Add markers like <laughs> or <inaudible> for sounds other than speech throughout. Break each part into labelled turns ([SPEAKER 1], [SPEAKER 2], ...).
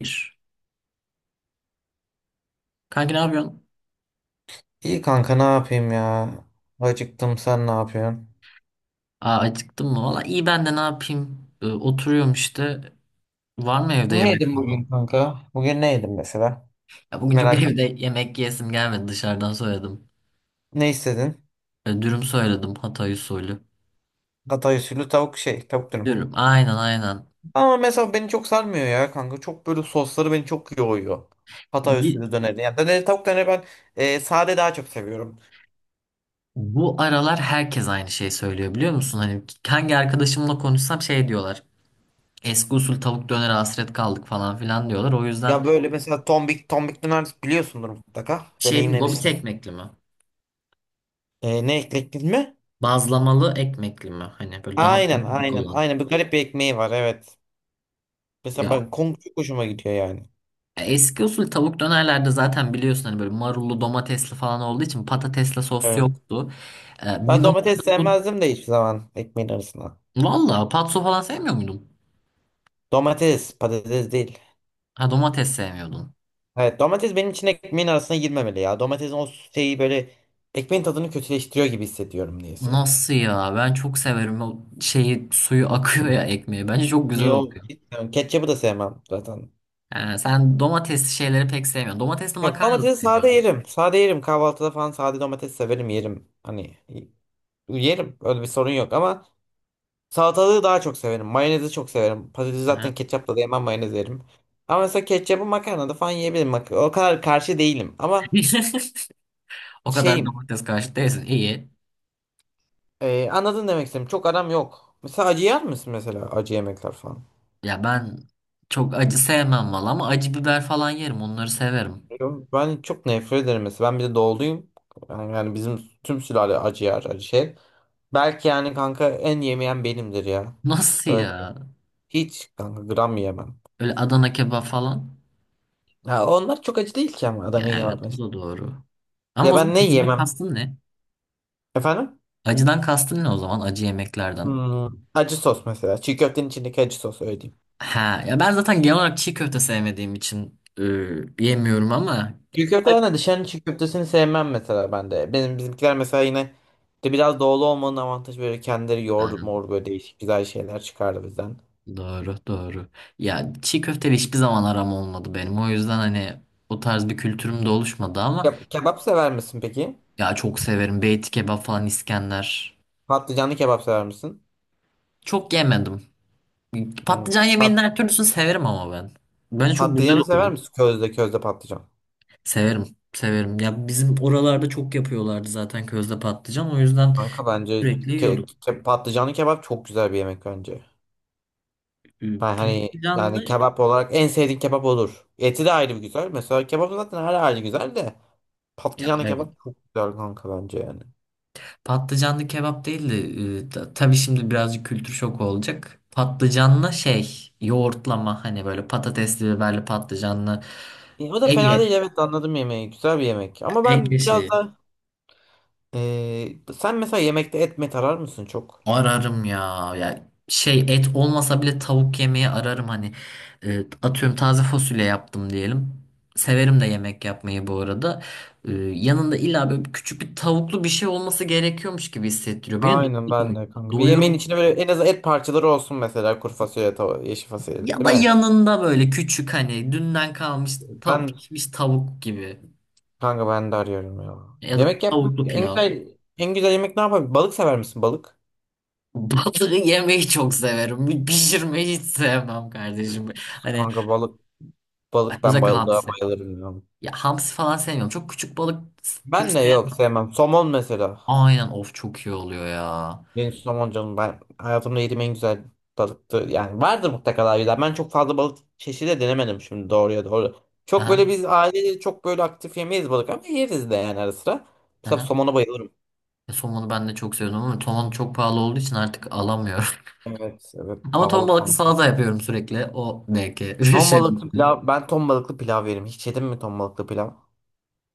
[SPEAKER 1] Bir. Kanka ne yapıyorsun?
[SPEAKER 2] İyi kanka ne yapayım ya? Acıktım, sen ne yapıyorsun?
[SPEAKER 1] Aa, acıktım mı? Valla iyi ben de ne yapayım? Oturuyorum işte. Var mı evde
[SPEAKER 2] Ne
[SPEAKER 1] yemek
[SPEAKER 2] yedin
[SPEAKER 1] falan?
[SPEAKER 2] bugün kanka? Bugün ne yedin mesela?
[SPEAKER 1] Ya bugün çok <laughs>
[SPEAKER 2] Merak et.
[SPEAKER 1] evde yemek yesim gelmedi. Dışarıdan söyledim.
[SPEAKER 2] Ne istedin?
[SPEAKER 1] Dürüm söyledim. Hatay usulü.
[SPEAKER 2] Hatay usulü tavuk şey, tavuk dürüm.
[SPEAKER 1] Dürüm. Aynen aynen.
[SPEAKER 2] Ama mesela beni çok sarmıyor ya kanka. Çok böyle sosları beni çok yoğuyor. Hatay
[SPEAKER 1] Bir,
[SPEAKER 2] usulü döneri. Yani döneri tavuk döneri ben sade daha çok seviyorum.
[SPEAKER 1] Bu aralar herkes aynı şey söylüyor biliyor musun? Hani hangi arkadaşımla konuşsam şey diyorlar. Eski usul tavuk döner hasret kaldık falan filan diyorlar. O yüzden
[SPEAKER 2] Ya böyle mesela tombik tombik döner biliyorsundur mutlaka.
[SPEAKER 1] şey dedim, gobit
[SPEAKER 2] Deneyimlemişsin.
[SPEAKER 1] ekmekli mi?
[SPEAKER 2] E, ne ekledin mi?
[SPEAKER 1] Bazlamalı ekmekli mi? Hani böyle daha
[SPEAKER 2] Aynen,
[SPEAKER 1] büyük
[SPEAKER 2] aynen,
[SPEAKER 1] olan.
[SPEAKER 2] aynen. Bir garip bir ekmeği var, evet. Mesela
[SPEAKER 1] Ya
[SPEAKER 2] ben kong çok hoşuma gidiyor yani.
[SPEAKER 1] eski usul tavuk dönerlerde zaten biliyorsun hani böyle marullu domatesli falan olduğu için patatesle sos
[SPEAKER 2] Evet.
[SPEAKER 1] yoktu. Bir
[SPEAKER 2] Ben domates
[SPEAKER 1] noktada bu...
[SPEAKER 2] sevmezdim de hiçbir zaman ekmeğin arasına.
[SPEAKER 1] Valla patso falan sevmiyor muydun?
[SPEAKER 2] Domates, patates değil.
[SPEAKER 1] Ha, domates sevmiyordun.
[SPEAKER 2] Evet, domates benim için ekmeğin arasına girmemeli ya. Domatesin o şeyi böyle ekmeğin tadını kötüleştiriyor gibi hissediyorum niyeyse.
[SPEAKER 1] Nasıl ya? Ben çok severim o şeyi, suyu akıyor ya ekmeği. Bence çok güzel
[SPEAKER 2] Yo,
[SPEAKER 1] oluyor.
[SPEAKER 2] hiç sevmem. Ketçabı da sevmem zaten.
[SPEAKER 1] Ha, sen domatesli şeyleri pek sevmiyorsun. Domatesli
[SPEAKER 2] Yok,
[SPEAKER 1] makarna da
[SPEAKER 2] domatesi sade
[SPEAKER 1] sevmiyordun.
[SPEAKER 2] yerim. Sade yerim. Kahvaltıda falan sade domates severim, yerim. Hani yerim. Öyle bir sorun yok ama salatalığı daha çok severim. Mayonezi çok severim. Patatesi
[SPEAKER 1] Aha.
[SPEAKER 2] zaten ketçapla da yemem, mayonez yerim. Ama mesela ketçabı makarnada falan yiyebilirim. O kadar karşı değilim. Ama
[SPEAKER 1] <laughs> O kadar
[SPEAKER 2] şeyim.
[SPEAKER 1] domates karşı değilsin. İyi.
[SPEAKER 2] Anladın demek istedim. Çok aram yok. Mesela acı yer misin, mesela acı yemekler falan?
[SPEAKER 1] Ya ben çok acı sevmem valla ama acı biber falan yerim. Onları severim.
[SPEAKER 2] Yok, ben çok nefret ederim mesela. Ben bir de doğuluyum. Yani bizim tüm sülale acı yer, acı şey. Belki yani kanka en yemeyen benimdir ya.
[SPEAKER 1] Nasıl
[SPEAKER 2] Öyle diyeyim.
[SPEAKER 1] ya?
[SPEAKER 2] Hiç kanka gram yemem.
[SPEAKER 1] Öyle Adana kebap falan.
[SPEAKER 2] Ha, onlar çok acı değil ki ama Adana
[SPEAKER 1] Ya
[SPEAKER 2] yemem
[SPEAKER 1] evet, bu
[SPEAKER 2] mesela.
[SPEAKER 1] da doğru. Ama
[SPEAKER 2] Ya
[SPEAKER 1] o
[SPEAKER 2] ben
[SPEAKER 1] zaman
[SPEAKER 2] ne
[SPEAKER 1] acıdan
[SPEAKER 2] yemem?
[SPEAKER 1] kastın ne?
[SPEAKER 2] Efendim?
[SPEAKER 1] Acıdan kastın ne o zaman, acı yemeklerden?
[SPEAKER 2] Acı sos mesela. Çiğ köftenin içindeki acı sos, öyle diyeyim.
[SPEAKER 1] Ha ya, ben zaten genel olarak çiğ köfte sevmediğim için yemiyorum ama
[SPEAKER 2] Çiğ köfte de dışarının çiğ köftesini sevmem mesela ben de. Benim bizimkiler mesela yine de biraz doğulu olmanın avantajı, böyle kendileri yoğurdu
[SPEAKER 1] ha,
[SPEAKER 2] mor böyle değişik güzel şeyler çıkardı bizden.
[SPEAKER 1] doğru doğru. Ya çiğ köfteyle hiçbir zaman aram olmadı benim. O yüzden hani o tarz bir kültürüm de oluşmadı ama
[SPEAKER 2] Kebap sever misin peki?
[SPEAKER 1] ya, çok severim. Beyti kebap falan, İskender.
[SPEAKER 2] Patlıcanlı kebap sever misin?
[SPEAKER 1] Çok yemedim.
[SPEAKER 2] Hmm.
[SPEAKER 1] Patlıcan yemeğinin
[SPEAKER 2] Pat
[SPEAKER 1] her türlüsünü severim ama ben. Bence çok güzel
[SPEAKER 2] patlıcanı sever
[SPEAKER 1] oluyor.
[SPEAKER 2] misin? Közde közde patlıcan.
[SPEAKER 1] Severim, severim. Ya bizim oralarda çok yapıyorlardı zaten közde patlıcan. O yüzden
[SPEAKER 2] Kanka bence
[SPEAKER 1] sürekli yiyorduk.
[SPEAKER 2] patlıcanlı kebap çok güzel bir yemek bence.
[SPEAKER 1] Ee,
[SPEAKER 2] Ben hani yani
[SPEAKER 1] Patlıcanlı
[SPEAKER 2] kebap olarak en sevdiğin kebap olur. Eti de ayrı bir güzel. Mesela kebap zaten her ayrı güzel de
[SPEAKER 1] ya
[SPEAKER 2] patlıcanlı
[SPEAKER 1] evet.
[SPEAKER 2] kebap çok güzel kanka bence yani.
[SPEAKER 1] Patlıcanlı kebap değil de tabii şimdi birazcık kültür şoku olacak. Patlıcanlı şey yoğurtlama, hani böyle patatesli biberli patlıcanlı
[SPEAKER 2] O da fena
[SPEAKER 1] Ege
[SPEAKER 2] değil, evet, anladım yemeği. Güzel bir yemek. Ama
[SPEAKER 1] Ege
[SPEAKER 2] ben biraz
[SPEAKER 1] şeyi.
[SPEAKER 2] da sen mesela yemekte et mi tarar mısın çok?
[SPEAKER 1] Ararım ya. Ya şey, et olmasa bile tavuk yemeği ararım hani. Atıyorum taze fasulye yaptım diyelim. Severim de yemek yapmayı bu arada. Yanında illa böyle küçük bir tavuklu bir şey olması gerekiyormuş gibi hissettiriyor. Beni
[SPEAKER 2] Aynen ben
[SPEAKER 1] doyurmuyor.
[SPEAKER 2] de kanka. Bir yemeğin
[SPEAKER 1] Doyurmuyor.
[SPEAKER 2] içine böyle en az et parçaları olsun mesela, kuru fasulye, tava, yeşil fasulye,
[SPEAKER 1] Ya
[SPEAKER 2] değil
[SPEAKER 1] da
[SPEAKER 2] mi?
[SPEAKER 1] yanında böyle küçük hani dünden kalmış
[SPEAKER 2] Ben
[SPEAKER 1] pişmiş tavuk gibi.
[SPEAKER 2] kanka, ben de arıyorum ya.
[SPEAKER 1] Ya da
[SPEAKER 2] Yemek yapmak
[SPEAKER 1] tavuklu
[SPEAKER 2] en
[SPEAKER 1] pilav.
[SPEAKER 2] güzel en güzel yemek ne yapabilir? Balık sever misin, balık?
[SPEAKER 1] <laughs> Balığı yemeyi çok severim. Pişirmeyi hiç sevmem
[SPEAKER 2] Evet.
[SPEAKER 1] kardeşim. Hani
[SPEAKER 2] Kanka balık ben
[SPEAKER 1] özellikle
[SPEAKER 2] balığa
[SPEAKER 1] hamsi.
[SPEAKER 2] bayılırım ya.
[SPEAKER 1] Ya hamsi falan sevmiyorum. Çok küçük balık türü
[SPEAKER 2] Ben de yok,
[SPEAKER 1] sevmiyorum.
[SPEAKER 2] sevmem. Somon mesela.
[SPEAKER 1] Aynen, of çok iyi oluyor ya.
[SPEAKER 2] Benim somon canım, ben hayatımda yediğim en güzel balıktı. Yani vardır mutlaka daha güzel. Ben çok fazla balık çeşidi de denemedim şimdi, doğruya doğru. Çok
[SPEAKER 1] Aha,
[SPEAKER 2] böyle biz aileyle çok böyle aktif yemeyiz balık, ama yeriz de yani ara sıra. Mesela
[SPEAKER 1] aha.
[SPEAKER 2] somona bayılırım.
[SPEAKER 1] Somonu ben de çok seviyorum ama somon çok pahalı olduğu için artık alamıyorum.
[SPEAKER 2] Evet,
[SPEAKER 1] <laughs>
[SPEAKER 2] evet,
[SPEAKER 1] Ama ton
[SPEAKER 2] pahalı
[SPEAKER 1] balıklı
[SPEAKER 2] kanka.
[SPEAKER 1] salata yapıyorum sürekli. O belki <laughs> bir
[SPEAKER 2] Ton
[SPEAKER 1] şey
[SPEAKER 2] balıklı
[SPEAKER 1] olabilir.
[SPEAKER 2] pilav, ben ton balıklı pilav yerim. Hiç yedin mi ton balıklı pilav?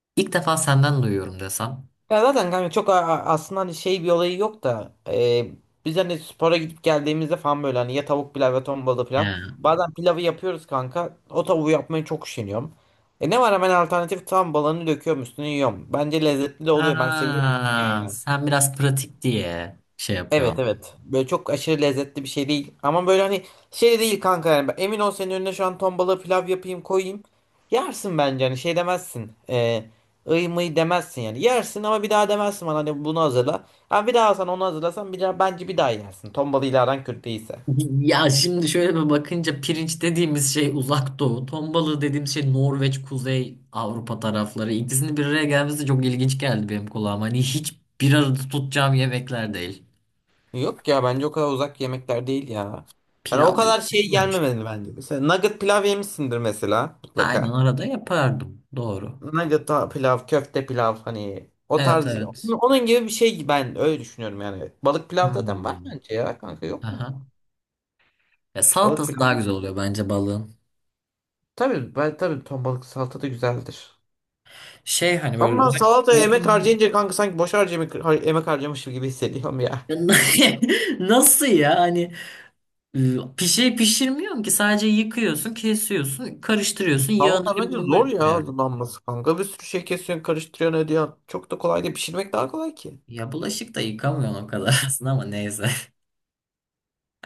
[SPEAKER 1] <laughs> İlk defa senden duyuyorum desem.
[SPEAKER 2] Ya zaten kanka çok aslında hani şey bir olayı yok da biz hani spora gidip geldiğimizde falan böyle hani ya tavuk pilav ya ton balığı pilav.
[SPEAKER 1] Yani.
[SPEAKER 2] Bazen pilavı yapıyoruz kanka. O tavuğu yapmayı çok üşeniyorum. Ne var, hemen alternatif tam balığını döküyorum üstüne yiyorum. Bence lezzetli de oluyor. Ben seviyorum yan
[SPEAKER 1] Ha,
[SPEAKER 2] yana.
[SPEAKER 1] sen biraz pratik diye şey
[SPEAKER 2] Evet,
[SPEAKER 1] yapıyorsun.
[SPEAKER 2] evet. Böyle çok aşırı lezzetli bir şey değil. Ama böyle hani şey değil kanka yani. Emin ol, senin önüne şu an ton balığı pilav yapayım koyayım. Yersin bence, hani şey demezsin. Iy mıy demezsin yani. Yersin ama bir daha demezsin bana hani bunu hazırla. Ha, bir daha sen onu hazırlasan bir daha, bence bir daha yersin. Ton balığıyla aran kötü değilse.
[SPEAKER 1] Ya şimdi şöyle bir bakınca pirinç dediğimiz şey uzak doğu. Ton balığı dediğimiz şey Norveç, Kuzey Avrupa tarafları. İkisinin bir araya gelmesi çok ilginç geldi benim kulağıma. Hani hiç bir arada tutacağım yemekler değil.
[SPEAKER 2] Yok ya, bence o kadar uzak yemekler değil ya. Yani o
[SPEAKER 1] Pilav da
[SPEAKER 2] kadar
[SPEAKER 1] hiç
[SPEAKER 2] şey
[SPEAKER 1] düşünmemiş.
[SPEAKER 2] gelmemeli bence. Mesela nugget pilav yemişsindir mesela,
[SPEAKER 1] Aynen,
[SPEAKER 2] mutlaka.
[SPEAKER 1] arada yapardım. Doğru.
[SPEAKER 2] Nugget pilav, köfte pilav, hani o
[SPEAKER 1] Evet
[SPEAKER 2] tarz, onun
[SPEAKER 1] evet.
[SPEAKER 2] onun gibi bir şey, ben öyle düşünüyorum yani. Balık pilav zaten var
[SPEAKER 1] Hmm.
[SPEAKER 2] bence ya kanka, yok mu?
[SPEAKER 1] Aha. Ya
[SPEAKER 2] Balık
[SPEAKER 1] salatası
[SPEAKER 2] pilav
[SPEAKER 1] daha
[SPEAKER 2] değil.
[SPEAKER 1] güzel oluyor bence balığın.
[SPEAKER 2] Tabii, ben tabii ton balık salata da güzeldir.
[SPEAKER 1] Şey hani böyle
[SPEAKER 2] Ama
[SPEAKER 1] özellikle
[SPEAKER 2] salataya emek
[SPEAKER 1] salatanın...
[SPEAKER 2] harcayınca kanka sanki boş harcamak, emek harcamışım gibi hissediyorum ya.
[SPEAKER 1] <laughs> Nasıl ya? Hani. Ee, Bir şey pişirmiyorsun ki, sadece yıkıyorsun, kesiyorsun, karıştırıyorsun, yağını
[SPEAKER 2] Salata bence zor
[SPEAKER 1] limonunu.
[SPEAKER 2] ya hazırlanması kanka. Bir sürü şey kesiyorsun, karıştırıyorsun, ediyorsun. Çok da kolay değil. Pişirmek daha kolay ki.
[SPEAKER 1] Ya bulaşık da yıkamıyorsun o kadar <laughs> aslında ama neyse.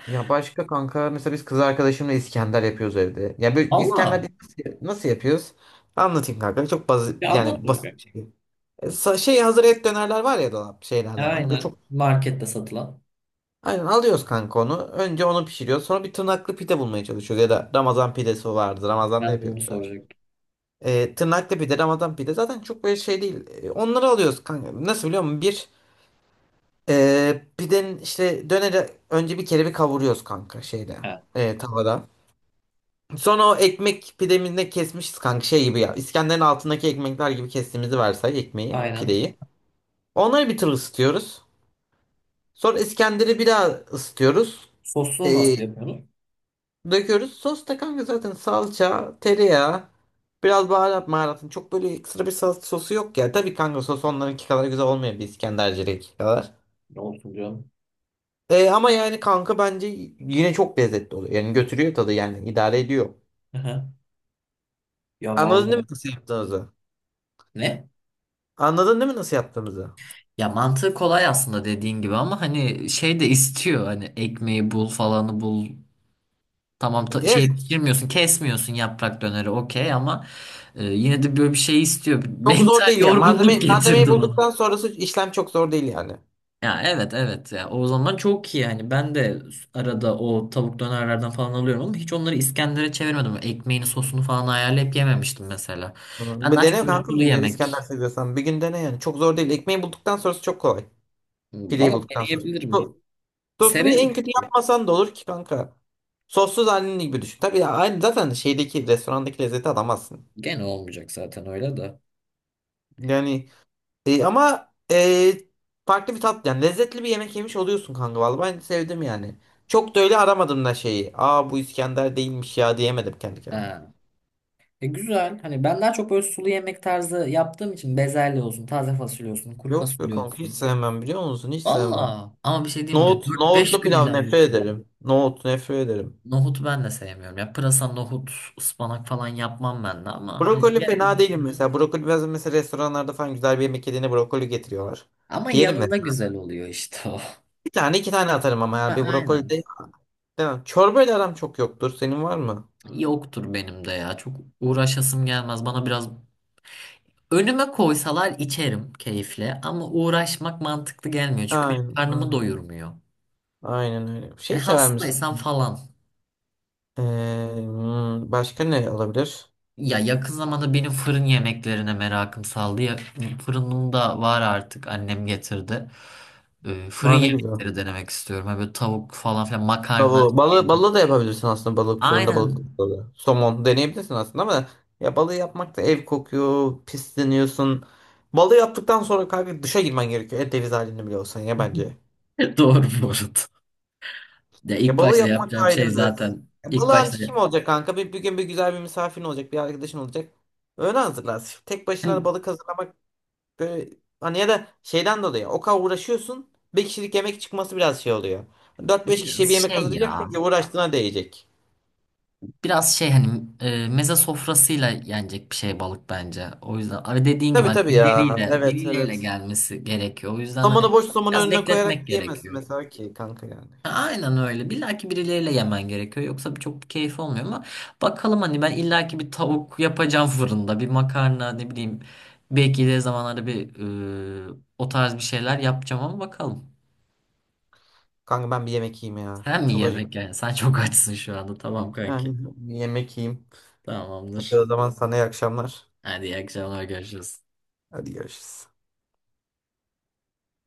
[SPEAKER 2] Ya başka kanka, mesela biz kız arkadaşımla İskender yapıyoruz evde. Ya böyle İskender
[SPEAKER 1] Allah.
[SPEAKER 2] biz nasıl yapıyoruz? Anlatayım kanka. Çok basit
[SPEAKER 1] Ya anlat
[SPEAKER 2] yani, basit
[SPEAKER 1] bakayım.
[SPEAKER 2] bir şey. Şey hazır et dönerler var ya dolap şeylerden. Hani böyle
[SPEAKER 1] Aynen.
[SPEAKER 2] çok
[SPEAKER 1] Markette satılan.
[SPEAKER 2] aynen alıyoruz kanka onu. Önce onu pişiriyoruz. Sonra bir tırnaklı pide bulmaya çalışıyoruz. Ya da Ramazan pidesi vardı. Ramazan'da
[SPEAKER 1] Ben de onu
[SPEAKER 2] yapıyorduk zaten.
[SPEAKER 1] soracaktım.
[SPEAKER 2] Tırnaklı pide, Ramazan pide zaten çok böyle şey değil. Onları alıyoruz kanka. Nasıl biliyor musun? Pidenin işte döneri önce bir kere bir kavuruyoruz kanka şeyde.
[SPEAKER 1] He,
[SPEAKER 2] Tavada. Sonra o ekmek pideminde kesmişiz kanka şey gibi ya. İskender'in altındaki ekmekler gibi kestiğimizi varsay, ekmeği,
[SPEAKER 1] aynen.
[SPEAKER 2] pideyi. Onları bir tur ısıtıyoruz. Sonra İskender'i bir daha ısıtıyoruz.
[SPEAKER 1] Sosunu
[SPEAKER 2] Ee,
[SPEAKER 1] nasıl yapıyorsunuz?
[SPEAKER 2] Döküyoruz. Sos da kanka zaten salça, tereyağı, biraz baharat maharatın. Çok böyle ekstra bir sos, sosu yok ya. Tabii kanka sos onlarınki kadar güzel olmuyor, bir İskenderci'deki kadar.
[SPEAKER 1] Ne olsun diyorum.
[SPEAKER 2] Ama yani kanka bence yine çok lezzetli oluyor. Yani götürüyor tadı, yani idare ediyor.
[SPEAKER 1] Aha. Ya
[SPEAKER 2] Anladın değil mi
[SPEAKER 1] vallahi.
[SPEAKER 2] nasıl yaptığımızı?
[SPEAKER 1] Ne?
[SPEAKER 2] Anladın değil mi nasıl yaptığımızı?
[SPEAKER 1] Ya mantığı kolay aslında dediğin gibi ama hani şey de istiyor, hani ekmeği bul, falanı bul.
[SPEAKER 2] Evet.
[SPEAKER 1] Şey pişirmiyorsun, kesmiyorsun, yaprak döneri okey ama yine de böyle bir şey istiyor. <laughs>
[SPEAKER 2] Çok zor
[SPEAKER 1] Mental
[SPEAKER 2] değil yani. Malzeme,
[SPEAKER 1] yorgunluk
[SPEAKER 2] malzemeyi
[SPEAKER 1] getirdi bana.
[SPEAKER 2] bulduktan sonrası işlem çok zor değil yani.
[SPEAKER 1] Ya evet evet, ya o zaman çok iyi yani, ben de arada o tavuk dönerlerden falan alıyorum ama hiç onları İskender'e çevirmedim. Ekmeğini sosunu falan ayarlayıp yememiştim mesela.
[SPEAKER 2] Hı.
[SPEAKER 1] Ben
[SPEAKER 2] Bir
[SPEAKER 1] daha çok
[SPEAKER 2] dene
[SPEAKER 1] böyle
[SPEAKER 2] kanka,
[SPEAKER 1] sulu
[SPEAKER 2] önce İskender
[SPEAKER 1] yemek.
[SPEAKER 2] seviyorsan. Bir gün dene yani. Çok zor değil. Ekmeği bulduktan sonrası çok kolay.
[SPEAKER 1] Hmm,
[SPEAKER 2] Pideyi
[SPEAKER 1] valla
[SPEAKER 2] bulduktan sonra. So-
[SPEAKER 1] deneyebilirim.
[SPEAKER 2] Sosunu
[SPEAKER 1] Severim
[SPEAKER 2] en kötü
[SPEAKER 1] çünkü.
[SPEAKER 2] yapmasan da olur ki kanka. Sossuz halini gibi düşün. Tabii ya, aynı zaten şeydeki restorandaki lezzeti alamazsın.
[SPEAKER 1] Gene olmayacak zaten öyle
[SPEAKER 2] Yani ama farklı bir tat yani, lezzetli bir yemek yemiş oluyorsun kanka, vallahi ben sevdim yani. Çok da öyle aramadım da şeyi. Aa, bu İskender değilmiş ya diyemedim kendi kendime.
[SPEAKER 1] de. E güzel. Hani ben daha çok böyle sulu yemek tarzı yaptığım için, bezelye olsun, taze fasulye olsun, kuru
[SPEAKER 2] Yok be
[SPEAKER 1] fasulye
[SPEAKER 2] kanka, hiç
[SPEAKER 1] olsun.
[SPEAKER 2] sevmem, biliyor musun? Hiç sevmem.
[SPEAKER 1] Valla. Ama bir şey diyeyim mi?
[SPEAKER 2] Nohut,
[SPEAKER 1] 4-5
[SPEAKER 2] nohutlu
[SPEAKER 1] gün
[SPEAKER 2] pilav nefret
[SPEAKER 1] ilerletiyor.
[SPEAKER 2] ederim. Nohut nefret ederim.
[SPEAKER 1] Nohutu ben de sevmiyorum. Ya pırasa, nohut, ıspanak falan yapmam ben de ama hani
[SPEAKER 2] Brokoli
[SPEAKER 1] diğer
[SPEAKER 2] fena değilim
[SPEAKER 1] yemekler.
[SPEAKER 2] mesela. Brokoli bazen mesela, restoranlarda falan güzel bir yemek yediğinde brokoli getiriyorlar.
[SPEAKER 1] Ama
[SPEAKER 2] Yerim
[SPEAKER 1] yanında
[SPEAKER 2] mesela.
[SPEAKER 1] güzel oluyor işte o.
[SPEAKER 2] Bir tane iki tane atarım, ama
[SPEAKER 1] Ha,
[SPEAKER 2] ya bir brokoli
[SPEAKER 1] aynen.
[SPEAKER 2] de. Demem. Çorbayla aram çok yoktur. Senin var mı?
[SPEAKER 1] Yoktur benim de ya. Çok uğraşasım gelmez. Bana biraz, önüme koysalar içerim keyifle ama uğraşmak mantıklı gelmiyor. Çünkü benim
[SPEAKER 2] Aynen,
[SPEAKER 1] karnımı
[SPEAKER 2] aynen.
[SPEAKER 1] doyurmuyor.
[SPEAKER 2] Aynen öyle. Şey
[SPEAKER 1] Yani
[SPEAKER 2] sever misin?
[SPEAKER 1] hastaysam falan.
[SPEAKER 2] Ee, Başka ne olabilir?
[SPEAKER 1] Ya yakın zamanda benim fırın yemeklerine merakım saldı. Ya, fırınım da var artık, annem getirdi. Fırın
[SPEAKER 2] Aa, ne güzel.
[SPEAKER 1] yemekleri denemek istiyorum. Ha, böyle tavuk falan filan, makarna
[SPEAKER 2] Bravo. Balı,
[SPEAKER 1] şeydir.
[SPEAKER 2] balı da yapabilirsin aslında, balık fırında, balık
[SPEAKER 1] Aynen.
[SPEAKER 2] balığı. Somon deneyebilirsin aslında, ama ya balığı yapmak da ev kokuyor, pisleniyorsun. Balığı yaptıktan sonra kanka duşa girmen gerekiyor. Et deniz halinde bile olsan ya, bence.
[SPEAKER 1] <laughs> Doğru bu arada. Ya
[SPEAKER 2] Ya
[SPEAKER 1] ilk
[SPEAKER 2] balığı
[SPEAKER 1] başta
[SPEAKER 2] yapmak da
[SPEAKER 1] yapacağım şey,
[SPEAKER 2] ayrı bir ders.
[SPEAKER 1] zaten
[SPEAKER 2] Ya
[SPEAKER 1] ilk
[SPEAKER 2] balığı
[SPEAKER 1] başta
[SPEAKER 2] ancak kim olacak kanka? Bir gün bir güzel bir misafirin olacak, bir arkadaşın olacak. Öyle hazırlarsın. Tek başına da
[SPEAKER 1] hani
[SPEAKER 2] balık hazırlamak böyle hani, ya da şeyden dolayı o kadar uğraşıyorsun. Bir kişilik yemek çıkması biraz şey oluyor. Dört beş kişiye
[SPEAKER 1] biraz
[SPEAKER 2] bir yemek
[SPEAKER 1] şey ya
[SPEAKER 2] hazırlayacaksın ki uğraştığına değecek.
[SPEAKER 1] biraz şey hani meze sofrasıyla yenecek bir şey balık bence. O yüzden abi dediğin gibi
[SPEAKER 2] Tabii,
[SPEAKER 1] hani
[SPEAKER 2] tabii ya. Evet,
[SPEAKER 1] birileriyle
[SPEAKER 2] evet.
[SPEAKER 1] gelmesi gerekiyor. O yüzden hani
[SPEAKER 2] Somonu boş, somonu
[SPEAKER 1] biraz
[SPEAKER 2] önüne koyarak
[SPEAKER 1] bekletmek
[SPEAKER 2] yiyemezsin
[SPEAKER 1] gerekiyor.
[SPEAKER 2] mesela ki kanka yani.
[SPEAKER 1] Aynen öyle. Bilaki birileriyle yemen gerekiyor. Yoksa çok keyif olmuyor ama bakalım, hani ben illaki bir tavuk yapacağım fırında. Bir makarna, ne bileyim. Belki de zamanlarda bir o tarz bir şeyler yapacağım ama bakalım.
[SPEAKER 2] Kanka ben bir yemek yiyeyim ya.
[SPEAKER 1] Sen mi
[SPEAKER 2] Çok
[SPEAKER 1] yemek
[SPEAKER 2] acıktım.
[SPEAKER 1] yani? Sen çok açsın şu anda. Tamam kanki.
[SPEAKER 2] Yani bir yemek yiyeyim. Hadi
[SPEAKER 1] Tamamdır.
[SPEAKER 2] o zaman sana iyi akşamlar.
[SPEAKER 1] Hadi iyi akşamlar, görüşürüz.
[SPEAKER 2] Hadi görüşürüz.